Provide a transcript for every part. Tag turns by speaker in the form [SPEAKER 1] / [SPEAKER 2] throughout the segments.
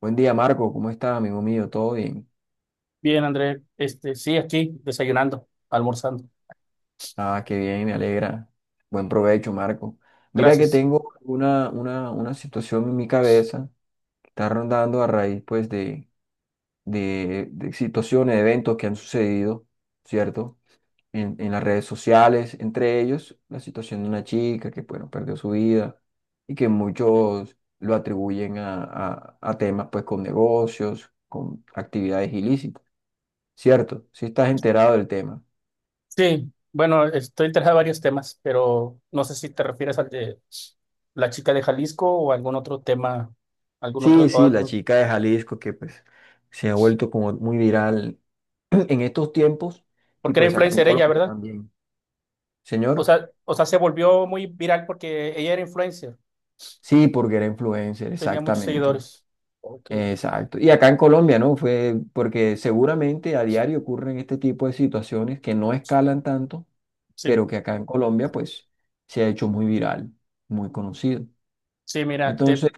[SPEAKER 1] Buen día, Marco. ¿Cómo estás, amigo mío? ¿Todo bien?
[SPEAKER 2] Bien, André, sí, aquí desayunando, almorzando.
[SPEAKER 1] Ah, qué bien, me alegra. Buen provecho, Marco. Mira que
[SPEAKER 2] Gracias.
[SPEAKER 1] tengo una situación en mi cabeza que está rondando a raíz, pues, de, de situaciones, eventos que han sucedido, ¿cierto? En las redes sociales, entre ellos la situación de una chica que, bueno, perdió su vida y que muchos lo atribuyen a temas, pues, con negocios, con actividades ilícitas. Cierto, si estás enterado del tema.
[SPEAKER 2] Sí, bueno, estoy interesado en varios temas, pero no sé si te refieres al de la chica de Jalisco o algún otro tema, algún otro,
[SPEAKER 1] Sí, sí, la chica de Jalisco que pues se ha vuelto como muy viral en estos tiempos y
[SPEAKER 2] porque era
[SPEAKER 1] pues acá en
[SPEAKER 2] influencer ella,
[SPEAKER 1] Colombia
[SPEAKER 2] ¿verdad?
[SPEAKER 1] también.
[SPEAKER 2] O
[SPEAKER 1] Señor,
[SPEAKER 2] sea, o sea, se volvió muy viral porque ella era influencer,
[SPEAKER 1] sí, porque era influencer,
[SPEAKER 2] tenía muchos
[SPEAKER 1] exactamente.
[SPEAKER 2] seguidores. Ok.
[SPEAKER 1] Exacto. Y acá en Colombia, ¿no? Fue porque seguramente a diario ocurren este tipo de situaciones que no escalan tanto,
[SPEAKER 2] Sí,
[SPEAKER 1] pero que acá en Colombia pues se ha hecho muy viral, muy conocido.
[SPEAKER 2] sí,
[SPEAKER 1] Entonces,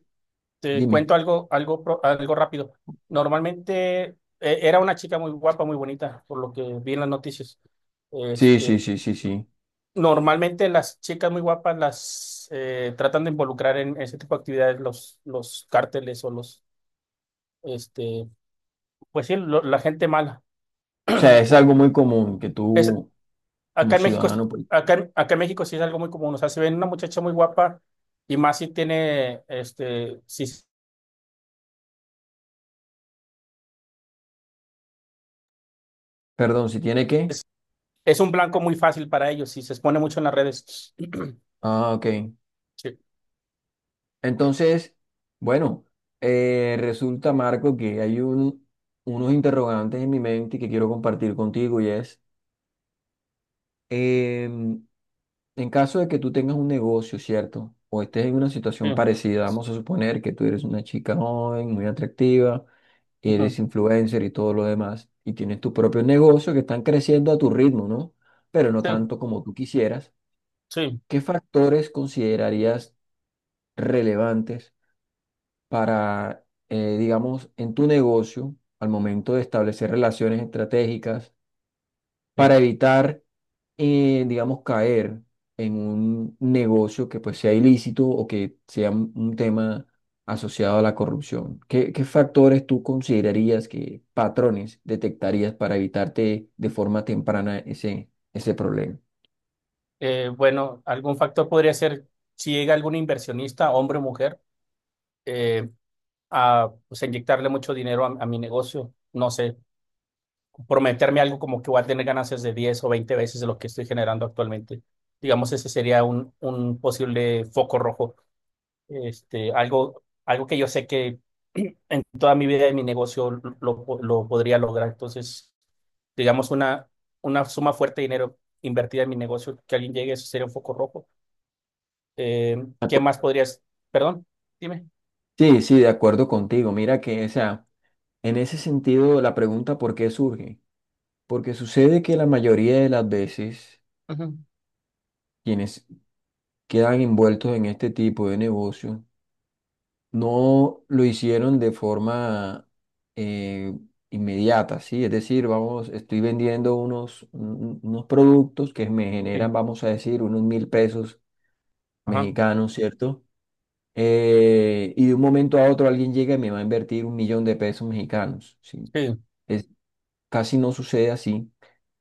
[SPEAKER 2] te
[SPEAKER 1] dime.
[SPEAKER 2] cuento algo, algo rápido. Normalmente era una chica muy guapa, muy bonita, por lo que vi en las noticias.
[SPEAKER 1] Sí, sí,
[SPEAKER 2] Este,
[SPEAKER 1] sí, sí, sí.
[SPEAKER 2] normalmente las chicas muy guapas las tratan de involucrar en ese tipo de actividades los cárteles o este, pues sí, la gente mala.
[SPEAKER 1] O sea, es
[SPEAKER 2] Como-
[SPEAKER 1] algo muy común que
[SPEAKER 2] es-
[SPEAKER 1] tú, como
[SPEAKER 2] acá en México,
[SPEAKER 1] ciudadano, pues,
[SPEAKER 2] acá, acá en México sí es algo muy común. O sea, si ven una muchacha muy guapa y más si tiene, si es,
[SPEAKER 1] perdón, si tiene que.
[SPEAKER 2] es un blanco muy fácil para ellos, si se expone mucho en las redes.
[SPEAKER 1] Ah, ok.
[SPEAKER 2] Sí,
[SPEAKER 1] Entonces, bueno, resulta, Marco, que hay unos interrogantes en mi mente que quiero compartir contigo y es, em, en caso de que tú tengas un negocio, ¿cierto? O estés en una situación
[SPEAKER 2] sí,
[SPEAKER 1] parecida, vamos a suponer que tú eres una chica joven, muy atractiva. Y
[SPEAKER 2] ujú,
[SPEAKER 1] eres influencer y todo lo demás, y tienes tu propio negocio que están creciendo a tu ritmo, ¿no? Pero no
[SPEAKER 2] sí,
[SPEAKER 1] tanto como tú quisieras.
[SPEAKER 2] sí,
[SPEAKER 1] ¿Qué factores considerarías relevantes para, digamos, en tu negocio al momento de establecer relaciones estratégicas
[SPEAKER 2] sí.
[SPEAKER 1] para evitar, digamos, caer en un negocio que pues sea ilícito o que sea un tema asociado a la corrupción? ¿Qué, qué factores tú considerarías que patrones detectarías para evitarte de forma temprana ese problema?
[SPEAKER 2] Bueno, algún factor podría ser si llega algún inversionista, hombre o mujer, eh, a pues, inyectarle mucho dinero a mi negocio. No sé, prometerme algo como que voy a tener ganancias de 10 o 20 veces de lo que estoy generando actualmente. Digamos, ese sería un posible foco rojo. Algo que yo sé que en toda mi vida de mi negocio lo podría lograr. Entonces, digamos, una suma fuerte de dinero invertida en mi negocio, que alguien llegue, eso sería un foco rojo. Eh,
[SPEAKER 1] De
[SPEAKER 2] ¿Qué más
[SPEAKER 1] acu-
[SPEAKER 2] podrías? Perdón, dime.
[SPEAKER 1] Sí, sí, de acuerdo contigo. Mira que, o sea, en ese sentido la pregunta ¿por qué surge? Porque sucede que la mayoría de las veces
[SPEAKER 2] Ujú.
[SPEAKER 1] quienes quedan envueltos en este tipo de negocio no lo hicieron de forma, eh, inmediata, ¿sí? Es decir, vamos, estoy vendiendo unos productos que me
[SPEAKER 2] Sí,
[SPEAKER 1] generan, vamos a decir, unos mil pesos
[SPEAKER 2] ajá,
[SPEAKER 1] mexicanos, ¿cierto? Y de un momento a otro alguien llega y me va a invertir 1.000.000 de pesos mexicanos, ¿sí?
[SPEAKER 2] sí,
[SPEAKER 1] Es, casi no sucede así,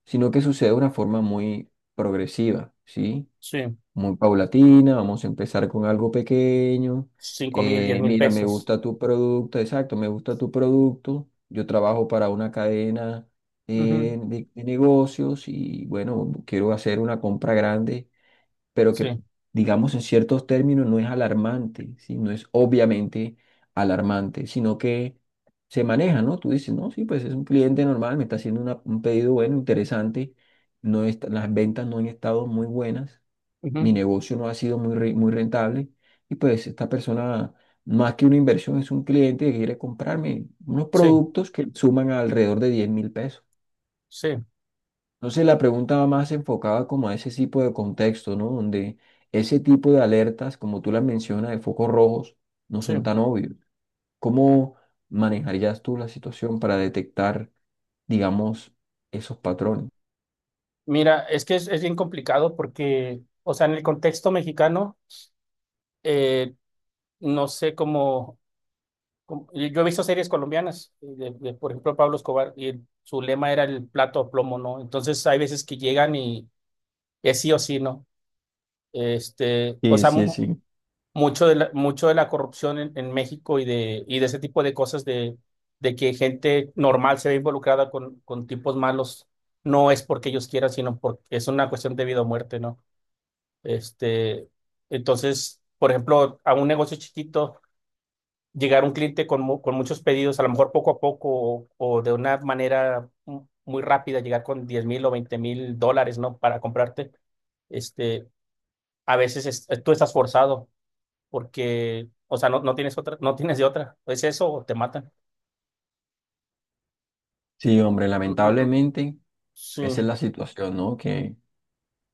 [SPEAKER 1] sino que sucede de una forma muy progresiva, ¿sí?
[SPEAKER 2] sí,
[SPEAKER 1] Muy paulatina, vamos a empezar con algo pequeño.
[SPEAKER 2] cinco mil, diez mil
[SPEAKER 1] Mira, me
[SPEAKER 2] pesos.
[SPEAKER 1] gusta tu producto, exacto, me gusta tu producto. Yo trabajo para una cadena,
[SPEAKER 2] Ujú,
[SPEAKER 1] de negocios y bueno, quiero hacer una compra grande, pero que
[SPEAKER 2] sí,
[SPEAKER 1] digamos en ciertos términos no es alarmante, ¿sí? No es obviamente alarmante, sino que se maneja, ¿no? Tú dices, no, sí, pues es un cliente normal, me está haciendo un pedido bueno, interesante. Las ventas no han estado muy buenas, mi
[SPEAKER 2] ujú,
[SPEAKER 1] negocio no ha sido muy, muy rentable, y pues esta persona, más que una inversión, es un cliente que quiere comprarme unos
[SPEAKER 2] sí,
[SPEAKER 1] productos que suman alrededor de 10.000 pesos.
[SPEAKER 2] sí,
[SPEAKER 1] Entonces la pregunta va más enfocada como a ese tipo de contexto, ¿no? Donde ese tipo de alertas, como tú las mencionas, de focos rojos, no
[SPEAKER 2] sí.
[SPEAKER 1] son tan obvios. ¿Cómo manejarías tú la situación para detectar, digamos, esos patrones?
[SPEAKER 2] Mira, es que es bien complicado porque, o sea, en el contexto mexicano, eh, no sé cómo. Y yo he visto series colombianas, por ejemplo, Pablo Escobar, y su lema era el plato a plomo, ¿no? Entonces hay veces que llegan y es sí o sí, ¿no? O
[SPEAKER 1] Sí,
[SPEAKER 2] sea,
[SPEAKER 1] sí, sí.
[SPEAKER 2] mucho de la corrupción en México y de ese tipo de cosas de que gente normal se ve involucrada con tipos malos, no es porque ellos quieran, sino porque es una cuestión de vida o muerte, ¿no? Este, entonces, por ejemplo, a un negocio chiquito llegar un cliente con, con muchos pedidos, a lo mejor poco a poco o de una manera muy rápida, llegar con 10 mil o 20 mil dólares, ¿no? Para comprarte, este, a veces tú estás forzado porque, o sea, no, no tienes otra, no tienes de otra. Es eso o te matan.
[SPEAKER 1] Sí, hombre,
[SPEAKER 2] Mm, mm, mm.
[SPEAKER 1] lamentablemente esa es la
[SPEAKER 2] Sí,
[SPEAKER 1] situación, ¿no? Que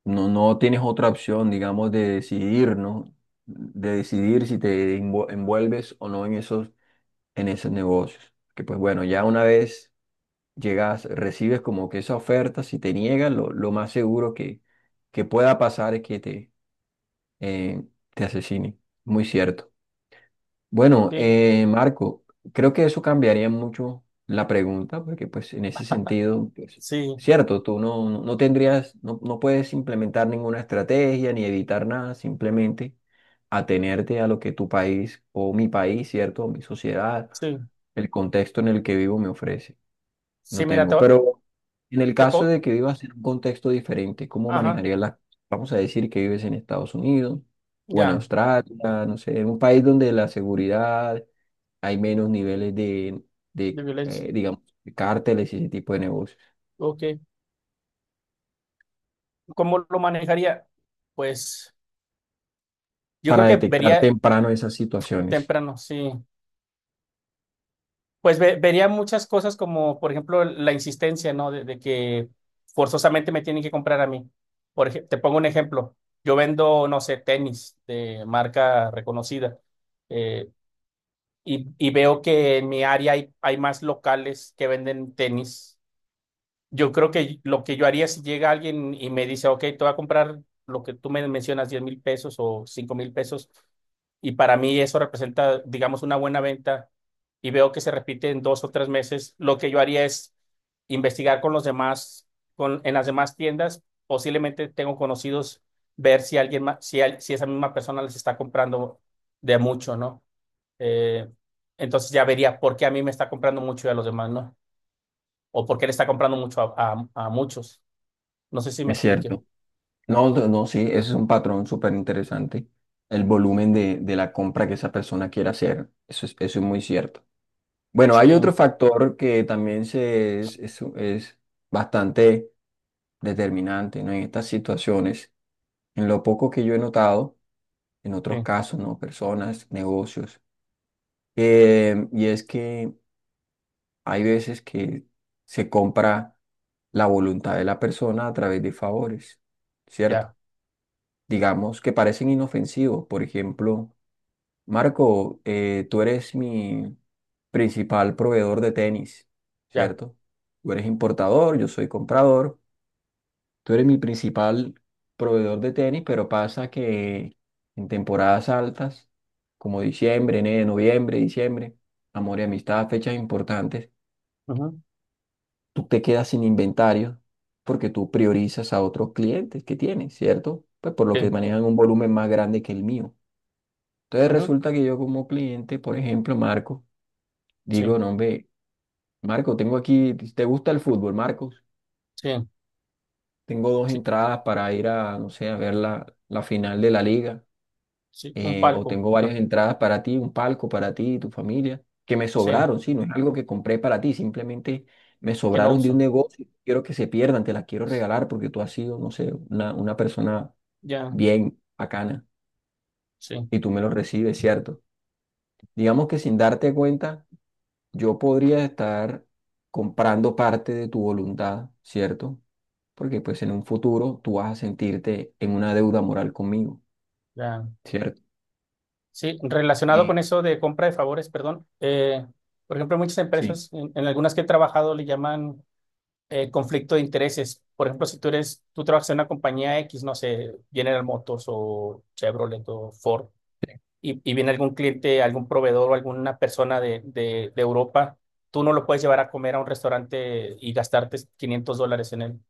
[SPEAKER 1] no, no tienes otra opción, digamos, de decidir, ¿no? De decidir si envuelves o no en esos, en esos negocios. Que pues bueno, ya una vez llegas, recibes como que esa oferta, si te niegan, lo más seguro que pueda pasar es que eh, te asesinen. Muy cierto. Bueno,
[SPEAKER 2] sí,
[SPEAKER 1] Marco, creo que eso cambiaría mucho la pregunta, porque pues en ese sentido, pues,
[SPEAKER 2] sí,
[SPEAKER 1] cierto, tú no tendrías, no puedes implementar ninguna estrategia ni evitar nada, simplemente atenerte a lo que tu país o mi país, cierto, o mi sociedad,
[SPEAKER 2] sí.
[SPEAKER 1] el contexto en el que vivo me ofrece. No
[SPEAKER 2] Sí,
[SPEAKER 1] tengo, pero en el
[SPEAKER 2] te
[SPEAKER 1] caso
[SPEAKER 2] puedo,
[SPEAKER 1] de que vivas en un contexto diferente, ¿cómo
[SPEAKER 2] ajá,
[SPEAKER 1] manejarías las cosas? Vamos a decir que vives en Estados Unidos o en
[SPEAKER 2] ya,
[SPEAKER 1] Australia, no sé, en un país donde la seguridad hay menos niveles de,
[SPEAKER 2] de
[SPEAKER 1] de
[SPEAKER 2] violencia.
[SPEAKER 1] eh, digamos, de cárteles y ese tipo de negocios,
[SPEAKER 2] Ok. ¿Cómo lo manejaría? Pues yo
[SPEAKER 1] para
[SPEAKER 2] creo que
[SPEAKER 1] detectar
[SPEAKER 2] vería
[SPEAKER 1] temprano esas situaciones?
[SPEAKER 2] temprano, sí. Pues vería muchas cosas como, por ejemplo, la insistencia, ¿no? De que forzosamente me tienen que comprar a mí. Te pongo un ejemplo. Yo vendo, no sé, tenis de marca reconocida eh, y veo que en mi área hay, hay más locales que venden tenis. Yo creo que lo que yo haría si llega alguien y me dice, ok, te voy a comprar lo que tú me mencionas, 10 mil pesos o 5 mil pesos, y para mí eso representa, digamos, una buena venta, y veo que se repite en dos o tres meses, lo que yo haría es investigar con los demás, en las demás tiendas, posiblemente tengo conocidos, ver si alguien más, si, si esa misma persona les está comprando de mucho, ¿no? Eh, entonces ya vería por qué a mí me está comprando mucho y a los demás, ¿no? O porque le está comprando mucho a, a muchos. No sé si me
[SPEAKER 1] Es
[SPEAKER 2] explique.
[SPEAKER 1] cierto. No, no, no, sí, ese es un patrón súper interesante, el volumen de la compra que esa persona quiere hacer, eso es muy cierto. Bueno,
[SPEAKER 2] Sí,
[SPEAKER 1] hay otro factor que también se es, es bastante determinante, ¿no? En estas situaciones, en lo poco que yo he notado, en otros
[SPEAKER 2] sí,
[SPEAKER 1] casos, ¿no? Personas, negocios, y es que hay veces que se compra la voluntad de la persona a través de favores, ¿cierto?
[SPEAKER 2] ya,
[SPEAKER 1] Digamos que parecen inofensivos, por ejemplo. Marco, tú eres mi principal proveedor de tenis,
[SPEAKER 2] ya.
[SPEAKER 1] ¿cierto? Tú eres importador, yo soy comprador. Tú eres mi principal proveedor de tenis, pero pasa que en temporadas altas, como diciembre, enero, noviembre, diciembre, amor y amistad, fechas importantes,
[SPEAKER 2] Ujú,
[SPEAKER 1] tú te quedas sin inventario porque tú priorizas a otros clientes que tienes, ¿cierto? Pues por lo que
[SPEAKER 2] sí,
[SPEAKER 1] manejan un volumen más grande que el mío. Entonces
[SPEAKER 2] ujú,
[SPEAKER 1] resulta que yo como cliente, por ejemplo, Marco,
[SPEAKER 2] sí,
[SPEAKER 1] digo, no, hombre, Marco, tengo aquí, ¿te gusta el fútbol, Marcos?
[SPEAKER 2] sí,
[SPEAKER 1] Tengo dos
[SPEAKER 2] sí,
[SPEAKER 1] entradas para ir a, no sé, a ver la, la final de la liga.
[SPEAKER 2] sí, un
[SPEAKER 1] Eh, o
[SPEAKER 2] palco.
[SPEAKER 1] tengo varias entradas para ti, un palco para ti y tu familia, que me
[SPEAKER 2] Sí,
[SPEAKER 1] sobraron, sí, no es algo que compré para ti, simplemente me
[SPEAKER 2] que no
[SPEAKER 1] sobraron de un
[SPEAKER 2] uso.
[SPEAKER 1] negocio. Quiero que se pierdan, te las quiero regalar porque tú has sido, no sé, una persona
[SPEAKER 2] Ya,
[SPEAKER 1] bien bacana
[SPEAKER 2] sí,
[SPEAKER 1] y tú me lo recibes, ¿cierto? Digamos que sin darte cuenta, yo podría estar comprando parte de tu voluntad, ¿cierto? Porque pues en un futuro tú vas a sentirte en una deuda moral conmigo,
[SPEAKER 2] ya.
[SPEAKER 1] ¿cierto?
[SPEAKER 2] Sí, relacionado con
[SPEAKER 1] Sí,
[SPEAKER 2] eso de compra de favores, perdón. Eh, por ejemplo, muchas
[SPEAKER 1] sí,
[SPEAKER 2] empresas, en algunas que he trabajado, le llaman conflicto de intereses. Por ejemplo, si tú eres, tú trabajas en una compañía X, no sé, General Motors o Chevrolet o Ford,
[SPEAKER 1] sí,
[SPEAKER 2] y viene algún cliente, algún proveedor o alguna persona de Europa, tú no lo puedes llevar a comer a un restaurante y gastarte $500 en él.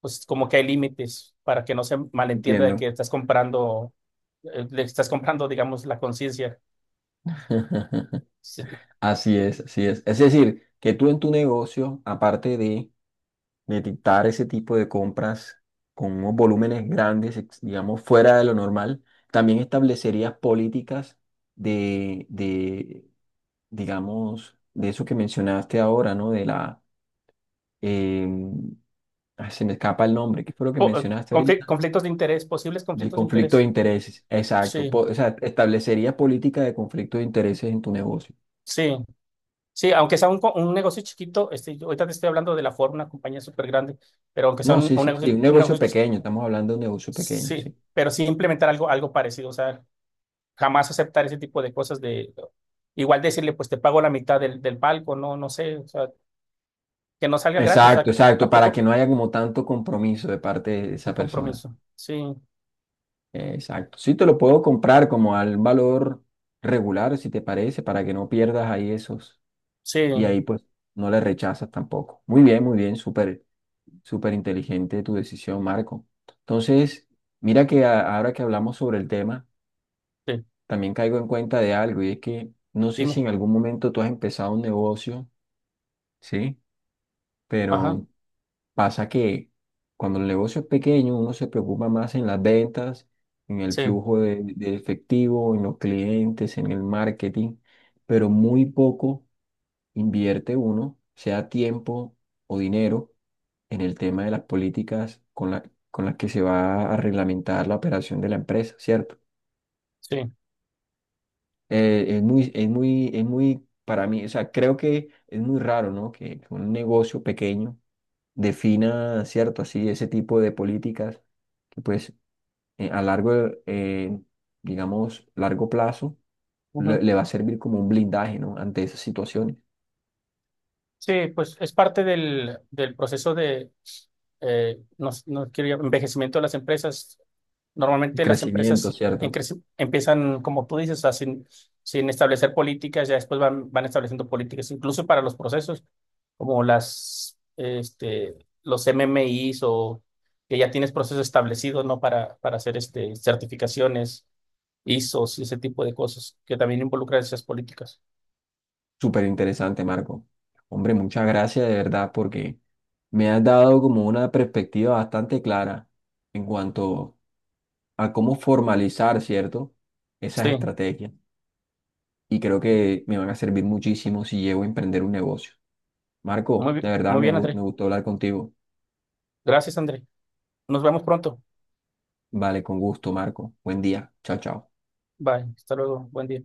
[SPEAKER 2] Pues como que hay límites para que no se malentienda de
[SPEAKER 1] entiendo.
[SPEAKER 2] que estás comprando, le estás comprando, digamos, la conciencia. Sí.
[SPEAKER 1] Así es, así es. Es decir, que tú en tu negocio, aparte de, dictar ese tipo de compras con unos volúmenes grandes, ex- digamos, fuera de lo normal, también establecerías políticas de, de, digamos, de eso que mencionaste ahora, ¿no? De la, em, se me escapa el nombre, ¿qué fue lo que mencionaste ahorita?
[SPEAKER 2] Conflictos de interés, posibles
[SPEAKER 1] Del
[SPEAKER 2] conflictos de
[SPEAKER 1] conflicto de
[SPEAKER 2] interés.
[SPEAKER 1] intereses, exacto.
[SPEAKER 2] Sí,
[SPEAKER 1] Po- o sea, establecería política de conflicto de intereses en tu negocio.
[SPEAKER 2] sí. Sí, aunque sea un negocio chiquito, yo ahorita te estoy hablando de la forma, una compañía súper grande, pero aunque sea
[SPEAKER 1] No, sí,
[SPEAKER 2] un
[SPEAKER 1] sí,
[SPEAKER 2] negocio,
[SPEAKER 1] sí, un negocio pequeño, estamos hablando de un negocio pequeño,
[SPEAKER 2] sí,
[SPEAKER 1] sí.
[SPEAKER 2] pero sí implementar algo, algo parecido, o sea, jamás aceptar ese tipo de cosas de igual decirle, pues te pago la mitad del, del palco, no, no sé, o sea, que no salga gratis, o
[SPEAKER 1] Exacto,
[SPEAKER 2] sea,
[SPEAKER 1] exacto, para que
[SPEAKER 2] tampoco
[SPEAKER 1] no haya como tanto compromiso de parte de esa
[SPEAKER 2] un
[SPEAKER 1] persona.
[SPEAKER 2] compromiso. Sí,
[SPEAKER 1] Exacto. Sí, te lo puedo comprar como al valor regular, si te parece, para que no pierdas ahí esos.
[SPEAKER 2] sí,
[SPEAKER 1] Y ahí pues no le rechazas tampoco. Muy bien, súper, súper inteligente tu decisión, Marco. Entonces, mira que, ahora que hablamos sobre el tema,
[SPEAKER 2] sí,
[SPEAKER 1] también caigo en cuenta de algo y es que no sé si
[SPEAKER 2] dime.
[SPEAKER 1] en algún momento tú has empezado un negocio, ¿sí?
[SPEAKER 2] Ajá,
[SPEAKER 1] Pero pasa que cuando el negocio es pequeño uno se preocupa más en las ventas, en el
[SPEAKER 2] sí,
[SPEAKER 1] flujo de efectivo, en los clientes, en el marketing, pero muy poco invierte uno, sea tiempo o dinero, en el tema de las políticas con con las que se va a reglamentar la operación de la empresa, ¿cierto?
[SPEAKER 2] sí.
[SPEAKER 1] Es muy, para mí, o sea, creo que es muy raro, ¿no? Que un negocio pequeño defina, ¿cierto? Así, ese tipo de políticas que pues, eh, a largo, eh, digamos, largo plazo le,
[SPEAKER 2] Ujú.
[SPEAKER 1] le va a servir como un blindaje, ¿no? Ante esas situaciones.
[SPEAKER 2] Sí, pues es parte del, del proceso de no, no quiero envejecimiento de las empresas.
[SPEAKER 1] El
[SPEAKER 2] Normalmente las
[SPEAKER 1] crecimiento,
[SPEAKER 2] empresas en
[SPEAKER 1] ¿cierto?
[SPEAKER 2] empiezan, como tú dices, o sea, sin, sin establecer políticas, ya después van, van estableciendo políticas, incluso para los procesos. Como las, los MMIs o que ya tienes procesos establecidos, ¿no? Para hacer este, certificaciones, ISOs y ese tipo de cosas que también involucran esas políticas.
[SPEAKER 1] Súper interesante, Marco. Hombre, muchas gracias de verdad porque me has dado como una perspectiva bastante clara en cuanto a cómo formalizar, ¿cierto? Esas
[SPEAKER 2] Sí,
[SPEAKER 1] estrategias. Y creo que me van a servir muchísimo si llego a emprender un negocio. Marco, de verdad
[SPEAKER 2] muy
[SPEAKER 1] me,
[SPEAKER 2] bien,
[SPEAKER 1] me
[SPEAKER 2] André.
[SPEAKER 1] gustó hablar contigo.
[SPEAKER 2] Gracias, André. Nos vemos pronto.
[SPEAKER 1] Vale, con gusto, Marco. Buen día. Chao, chao.
[SPEAKER 2] Bye. Hasta luego. Buen día.